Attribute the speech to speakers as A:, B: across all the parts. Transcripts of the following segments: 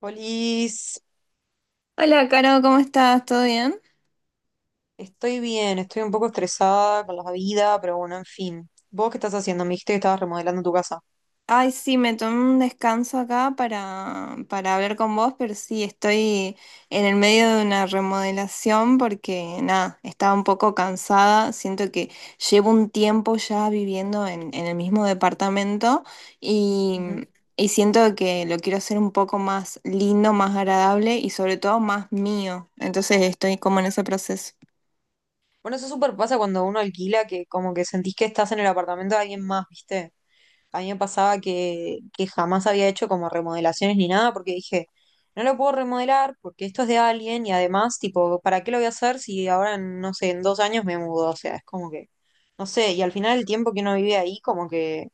A: Polis,
B: Hola, Caro, ¿cómo estás? ¿Todo bien?
A: estoy bien, estoy un poco estresada con la vida, pero bueno, en fin. ¿Vos qué estás haciendo? Me dijiste que estabas remodelando tu casa.
B: Ay, sí, me tomé un descanso acá para hablar con vos, pero sí, estoy en el medio de una remodelación porque, nada, estaba un poco cansada. Siento que llevo un tiempo ya viviendo en el mismo departamento y,
A: Ujú.
B: y siento que lo quiero hacer un poco más lindo, más agradable y sobre todo más mío. Entonces estoy como en ese proceso.
A: Bueno, eso súper pasa cuando uno alquila, que como que sentís que estás en el apartamento de alguien más, ¿viste? A mí me pasaba que jamás había hecho como remodelaciones ni nada, porque dije, no lo puedo remodelar porque esto es de alguien y además, tipo, ¿para qué lo voy a hacer si ahora, en, no sé, en 2 años me mudo? O sea, es como que, no sé, y al final el tiempo que uno vive ahí, como que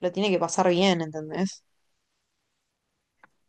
A: lo tiene que pasar bien, ¿entendés?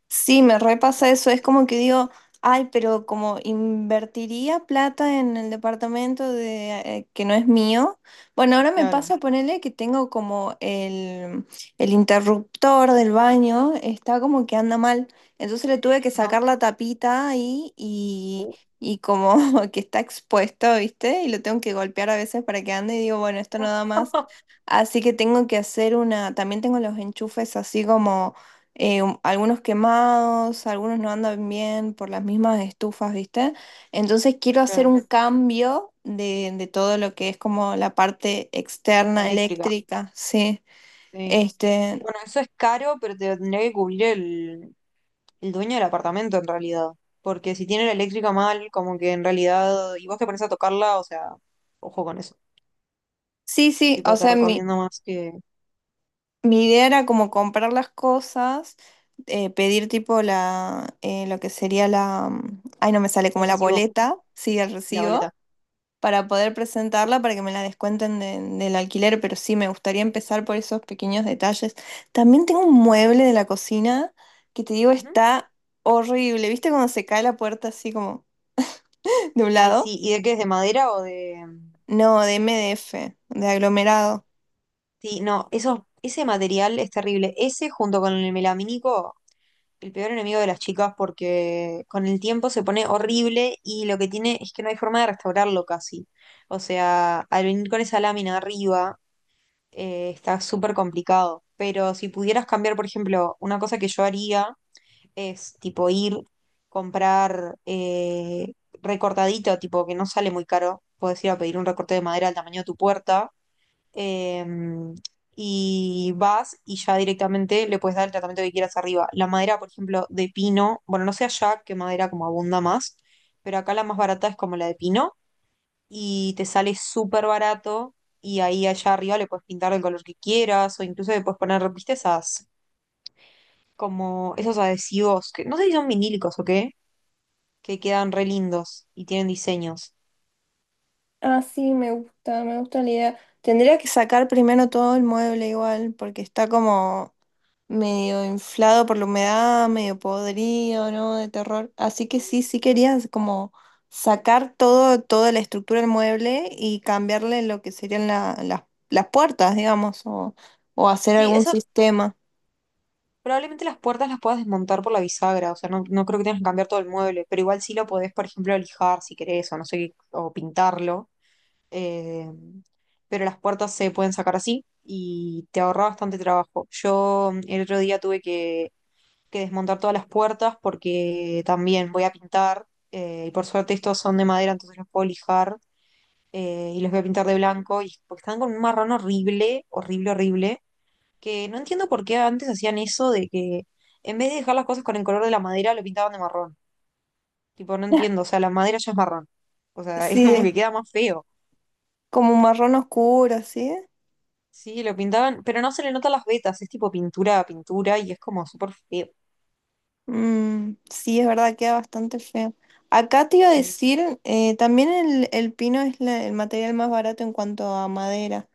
B: Sí, me repasa
A: Tipo.
B: eso, es como que digo, ay, pero como invertiría plata en el departamento de, que no es mío. Bueno, ahora me
A: Claro.
B: pasa ponerle que tengo como el interruptor del baño, está como que anda mal. Entonces le tuve que
A: Ajá.
B: sacar la tapita ahí
A: Uh,
B: y como que está expuesto, ¿viste? Y lo tengo que golpear a veces para que ande y digo, bueno, esto no
A: no.
B: da más. Así que tengo que hacer una, también tengo los enchufes así como algunos quemados, algunos no andan bien por las mismas estufas, ¿viste? Entonces quiero hacer
A: Claro,
B: un cambio de todo lo que es como la parte
A: la
B: externa
A: eléctrica,
B: eléctrica, sí.
A: sí.
B: Este,
A: Bueno, eso es caro, pero te lo tendría que cubrir el dueño del apartamento en realidad. Porque si tiene la eléctrica mal, como que en realidad, y vos te pones a tocarla, o sea, ojo con eso.
B: sí, sí, o
A: Tipo, te
B: sea, mi,
A: recomiendo más que
B: mi idea era como comprar las cosas, pedir tipo la, lo que sería la, ay, no me sale como
A: el
B: la
A: recibo
B: boleta, sí, el
A: y la
B: recibo,
A: boleta.
B: para poder presentarla, para que me la descuenten del alquiler, pero sí, me gustaría empezar por esos pequeños detalles. También tengo un mueble de la cocina que te digo
A: Ujú.
B: está horrible. ¿Viste cuando se cae la puerta así como de un
A: Ay,
B: lado?
A: sí, ¿y de qué es? ¿De madera o de...?
B: No, de MDF, de aglomerado.
A: Sí, no, eso, ese material es terrible. Ese junto con el melamínico el peor enemigo de las chicas porque con el tiempo se pone horrible y lo que tiene es que no hay forma de restaurarlo casi. O sea, al venir con esa lámina arriba, está súper complicado. Pero si pudieras cambiar, por ejemplo, una cosa que yo haría es tipo ir, comprar recortadito, tipo que no sale muy caro. Puedes ir a pedir un recorte de madera al tamaño de tu puerta em, y vas y ya directamente le puedes dar el tratamiento que quieras arriba. La madera, por ejemplo, de pino, bueno, no sé allá qué madera como abunda más, pero acá la más barata es como la de pino y te sale súper barato y ahí allá arriba le puedes pintar el color que quieras o incluso le puedes poner, viste, esas, como esos adhesivos, que no sé si son vinílicos o qué, que quedan re lindos y tienen diseños.
B: Ah, sí, me gusta la idea. Tendría que sacar primero todo el mueble igual, porque está como medio inflado por la humedad, medio podrido, ¿no? De terror. Así que sí, sí querías como sacar todo, toda la estructura del mueble y cambiarle lo que serían las puertas, digamos, o hacer
A: Sí,
B: algún
A: eso.
B: sistema.
A: Probablemente las puertas las puedas desmontar por la bisagra, o sea, no, no creo que tengas que cambiar todo el mueble, pero igual sí lo podés, por ejemplo, lijar si querés, o no sé, qué, o pintarlo. eh, pero las puertas se pueden sacar así y te ahorra bastante trabajo. Yo el otro día que desmontar todas las puertas porque también voy a pintar, y por suerte estos son de madera, entonces los puedo lijar y los voy a pintar de blanco, y porque están con un marrón horrible, horrible, horrible. Que no entiendo por qué antes hacían eso de que en vez de dejar las cosas con el color de la madera, lo pintaban de marrón. Tipo, no entiendo, o sea, la madera ya es marrón. O sea, es como
B: Sí,
A: que queda más feo.
B: como un marrón oscuro, ¿sí?
A: Sí, lo pintaban, pero no se le notan las vetas, es tipo pintura a pintura y es como súper feo.
B: Mm, sí, es verdad, queda bastante feo. Acá te iba a
A: Sí.
B: decir, también el pino es el material más barato en cuanto a madera.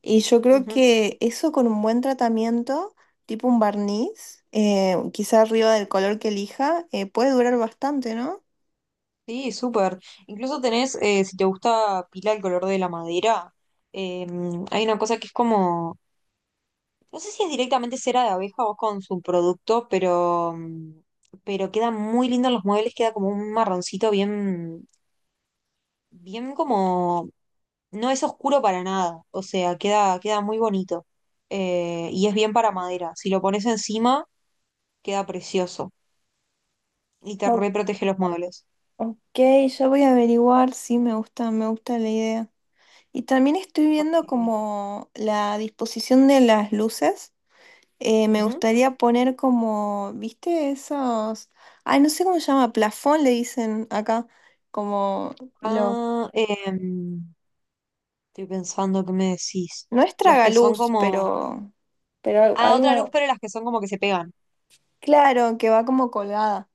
B: Y yo creo
A: Ujú.
B: que eso con un buen tratamiento, tipo un barniz, quizá arriba del color que elija, puede durar bastante, ¿no?
A: Sí, súper. Incluso tenés, si te gusta pila el color de la madera, eh, hay una cosa que es como... No sé si es directamente cera de abeja o con su producto, pero, pero queda muy lindo en los muebles, queda como un marroncito bien, bien como, no es oscuro para nada, o sea, queda, queda muy bonito. Y es bien para madera. Si lo pones encima, queda precioso y te
B: O-
A: reprotege los muebles.
B: ok, ya voy a averiguar, sí, me gusta la idea. Y también estoy viendo
A: Porque...
B: como la disposición de las luces. Me
A: Ujú.
B: gustaría poner como, ¿viste? Esos, ay, no sé cómo se llama, plafón le dicen acá, como lo,
A: Ah, estoy pensando qué me decís.
B: no es
A: Los que son
B: tragaluz,
A: como,
B: pero
A: ah, otra luz,
B: algo.
A: pero las que son como que se pegan.
B: Claro, que va como colgada.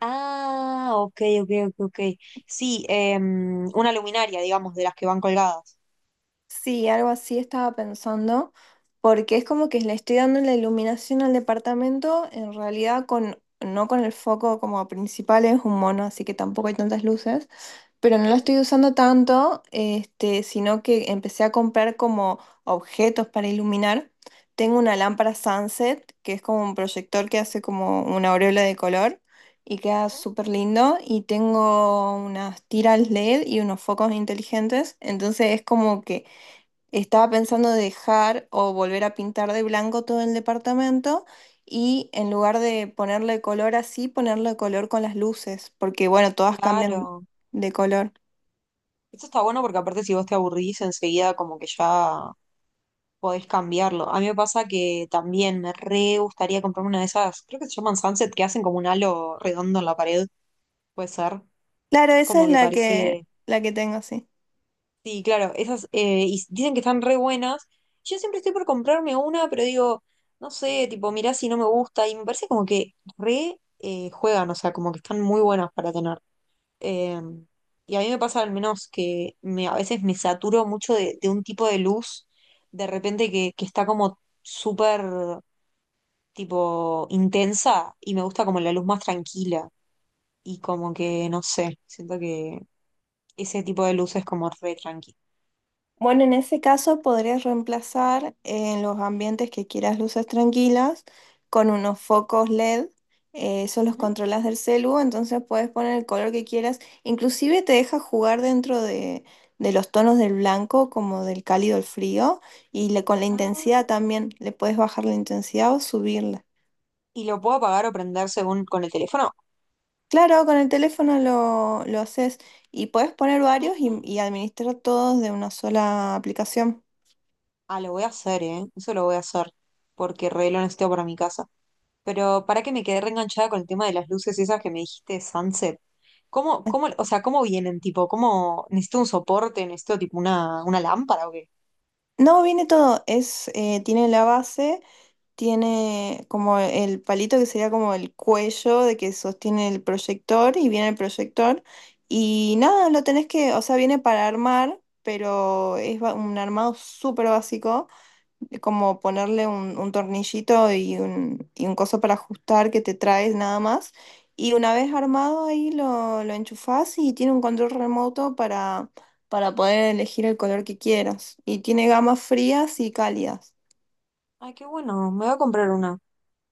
A: Ah, ok, ok, ok, ok. Sí, una luminaria, digamos, de las que van colgadas.
B: Sí, algo así estaba pensando, porque es como que le estoy dando la iluminación al departamento, en realidad con, no con el foco como principal, es un mono, así que tampoco hay tantas luces, pero no lo
A: Ujú,
B: estoy usando tanto, sino que empecé a comprar como objetos para iluminar. Tengo una lámpara sunset, que es como un proyector que hace como una aureola de color y queda
A: ujú.
B: súper lindo. Y tengo unas tiras LED y unos focos inteligentes. Entonces es como que estaba pensando dejar o volver a pintar de blanco todo el departamento. Y en lugar de ponerle color así, ponerle color con las luces, porque bueno, todas cambian
A: Claro.
B: de color.
A: Esto está bueno porque aparte si vos te aburrís enseguida como que ya podés cambiarlo. A mí me pasa que también me re gustaría comprarme una de esas, creo que se llaman Sunset, que hacen como un halo redondo en la pared, puede ser,
B: Claro,
A: que es
B: esa
A: como
B: es
A: que parece...
B: la que tengo, sí.
A: Sí, claro, esas y s- dicen que están re buenas. Yo siempre estoy por comprarme una, pero digo, no sé, tipo, mirá si no me gusta. Y me parece como que re juegan, o sea, como que están muy buenas para tener. Eh, y a mí me pasa al menos que me, a veces me saturo mucho de un tipo de luz, de repente que está como súper, tipo, intensa y me gusta como la luz más tranquila. Y como que, no sé, siento que ese tipo de luz es como re tranquila.
B: Bueno, en ese caso podrías reemplazar en los ambientes que quieras luces tranquilas con unos focos LED. Esos los controlas del celu, entonces puedes poner el color que quieras. Inclusive te deja jugar dentro de los tonos del blanco, como del cálido al frío, y con la intensidad también. Le puedes bajar la intensidad o subirla.
A: Y lo puedo apagar o prender según con el teléfono.
B: Claro, con el teléfono lo haces y puedes poner varios
A: Ah.
B: y administrar todos de una sola aplicación.
A: Ah, lo voy a hacer, ¿eh? Eso lo voy a hacer, porque re lo necesito para mi casa. Pero para que me quedé reenganchada con el tema de las luces esas que me dijiste, de Sunset. ¿Cómo, cómo, o sea, cómo vienen, tipo, cómo, necesito un soporte, necesito tipo una lámpara o qué?
B: No, viene todo, es, tiene la base, tiene como el palito que sería como el cuello de que sostiene el proyector y viene el proyector y nada, lo tenés que, o sea, viene para armar, pero es un armado súper básico de como ponerle un tornillito y un coso para ajustar que te traes nada más. Y una vez armado ahí lo enchufás y tiene un control remoto para poder elegir el color que quieras. Y tiene gamas frías y cálidas.
A: Ay, qué bueno, me voy a comprar una.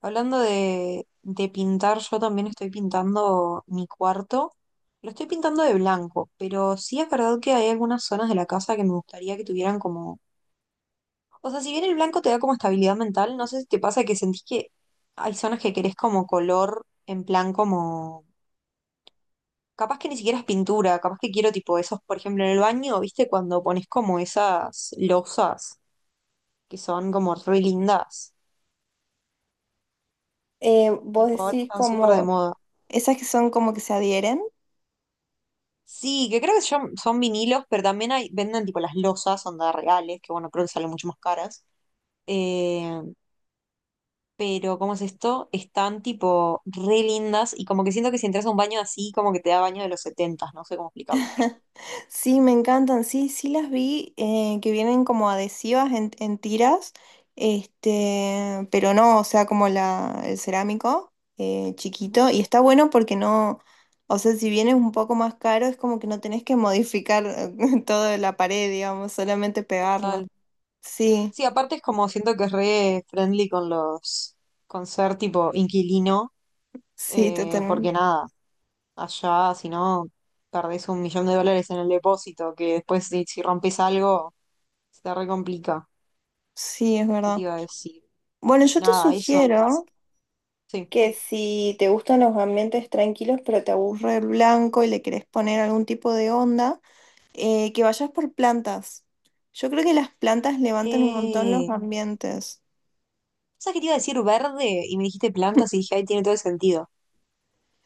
A: Hablando de pintar, yo también estoy pintando mi cuarto. Lo estoy pintando de blanco, pero sí es verdad que hay algunas zonas de la casa que me gustaría que tuvieran como... O sea, si bien el blanco te da como estabilidad mental, no sé si te pasa que sentís que hay zonas que querés como color en plan como... Capaz que ni siquiera es pintura, capaz que quiero tipo esos, por ejemplo, en el baño, ¿viste? Cuando pones como esas losas que son como re lindas,
B: Vos
A: tipo ahora
B: decís
A: están súper de
B: como
A: moda.
B: esas que son como que se adhieren.
A: Sí, que creo que son, son vinilos, pero también hay, venden tipo las losas, onda reales, que bueno, creo que salen mucho más caras. Eh, pero ¿cómo es esto? Están tipo re lindas y como que siento que si entras a un baño así, como que te da baño de los 70, no sé cómo explicarlo.
B: Sí, me encantan, sí, sí las vi, que vienen como adhesivas en tiras, pero no, o sea, como la, el cerámico
A: Ujú.
B: chiquito, y está bueno porque no, o sea, si bien es un poco más caro, es como que no tenés que modificar toda la pared, digamos, solamente pegarlo.
A: Total.
B: Sí,
A: Sí, aparte es como siento que es re friendly con los, con ser tipo inquilino,
B: sí, totalmente.
A: porque nada, allá si no perdés $1.000.000 en el depósito, que después si, si rompes algo se te re complica.
B: Sí, es
A: ¿Qué te
B: verdad.
A: iba a decir?
B: Bueno, yo te
A: Nada, eso me pasa.
B: sugiero
A: Sí.
B: que si te gustan los ambientes tranquilos, pero te aburre el blanco y le querés poner algún tipo de onda, que vayas por plantas. Yo creo que las plantas levantan un montón los
A: Eh,
B: ambientes.
A: ¿Sabes qué te iba a decir? Verde. Y me dijiste plantas y dije, ahí tiene todo el sentido.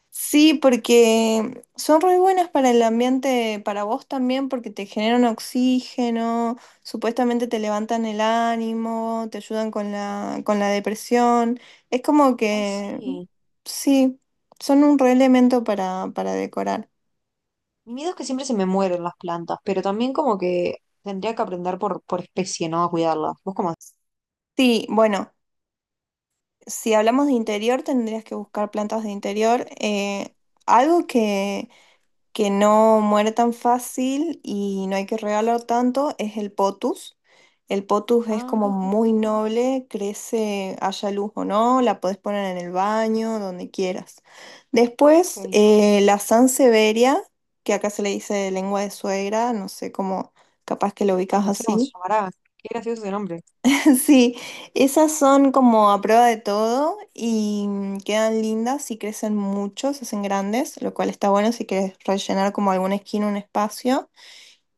B: Sí, porque son re buenas para el ambiente, para vos también, porque te generan oxígeno, supuestamente te levantan el ánimo, te ayudan con la depresión. Es como
A: Ay,
B: que,
A: sí.
B: sí, son un re elemento para decorar.
A: Mi miedo es que siempre se me mueren las plantas, pero también como que tendría que aprender por especie, ¿no? A cuidarlas. ¿Vos cómo?
B: Sí, bueno, si hablamos de interior, tendrías que buscar plantas de interior. Algo que no muere tan fácil y no hay que regalar tanto es el potus. El potus es
A: Ah,
B: como muy noble, crece, haya luz o no, la podés poner en el baño, donde quieras. Después,
A: ok.
B: la sansevieria, que acá se le dice lengua de suegra, no sé cómo, capaz que lo
A: Ay,
B: ubicas
A: no sé cómo se
B: así.
A: llamará. Qué gracioso ese nombre.
B: Sí, esas son como a prueba de todo y quedan lindas y crecen mucho, se hacen grandes, lo cual está bueno si quieres rellenar como alguna esquina, un espacio.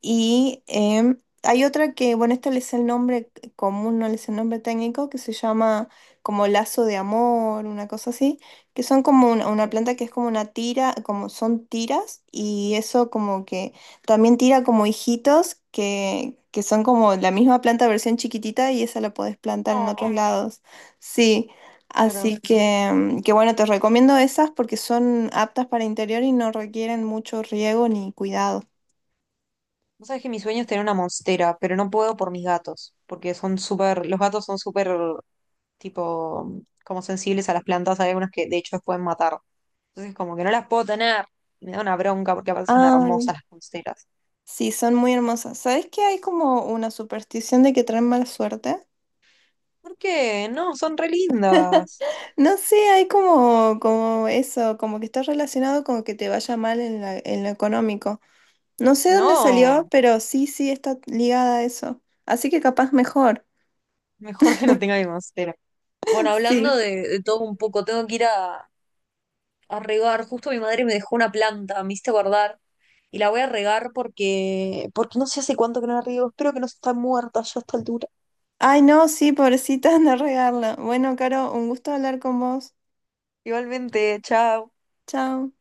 B: Y hay otra que, bueno, esta es el nombre común, no es el nombre técnico, que se llama como lazo de amor, una cosa así, que son como una
A: Ok.
B: planta que es como una tira, como son tiras, y eso como que también tira como hijitos que son como la misma planta versión chiquitita y esa la podés plantar en otros
A: Oh,
B: lados. Sí.
A: claro.
B: Así que, que bueno, te recomiendo esas porque son aptas para interior y no requieren mucho riego ni cuidado.
A: Vos sabés que mi sueño es tener una monstera, pero no puedo por mis gatos, porque son súper, los gatos son súper, tipo, como sensibles a las plantas. Hay algunas que de hecho las pueden matar. Entonces como que no las puedo tener. Me da una bronca porque aparte son
B: Ah,
A: hermosas las monsteras.
B: sí, son muy hermosas. ¿Sabes que hay como una superstición de que traen mala suerte?
A: ¿Por qué? No, son re lindas.
B: No sé, hay como, como eso, como que está relacionado con que te vaya mal en en lo económico. No sé dónde salió,
A: No,
B: pero sí, sí, está ligada a eso. Así que capaz mejor.
A: mejor que no tenga, pero... Bueno, hablando
B: Sí.
A: de todo un poco, tengo que ir a regar. Justo mi madre me dejó una planta, me hiciste guardar. Y la voy a regar porque, porque no sé hace cuánto que no la riego. Espero que no se está muerta ya a esta altura.
B: Ay, no, sí, pobrecita, anda a regarla. Bueno, Caro, un gusto hablar con vos.
A: Igualmente, chao.
B: Chao.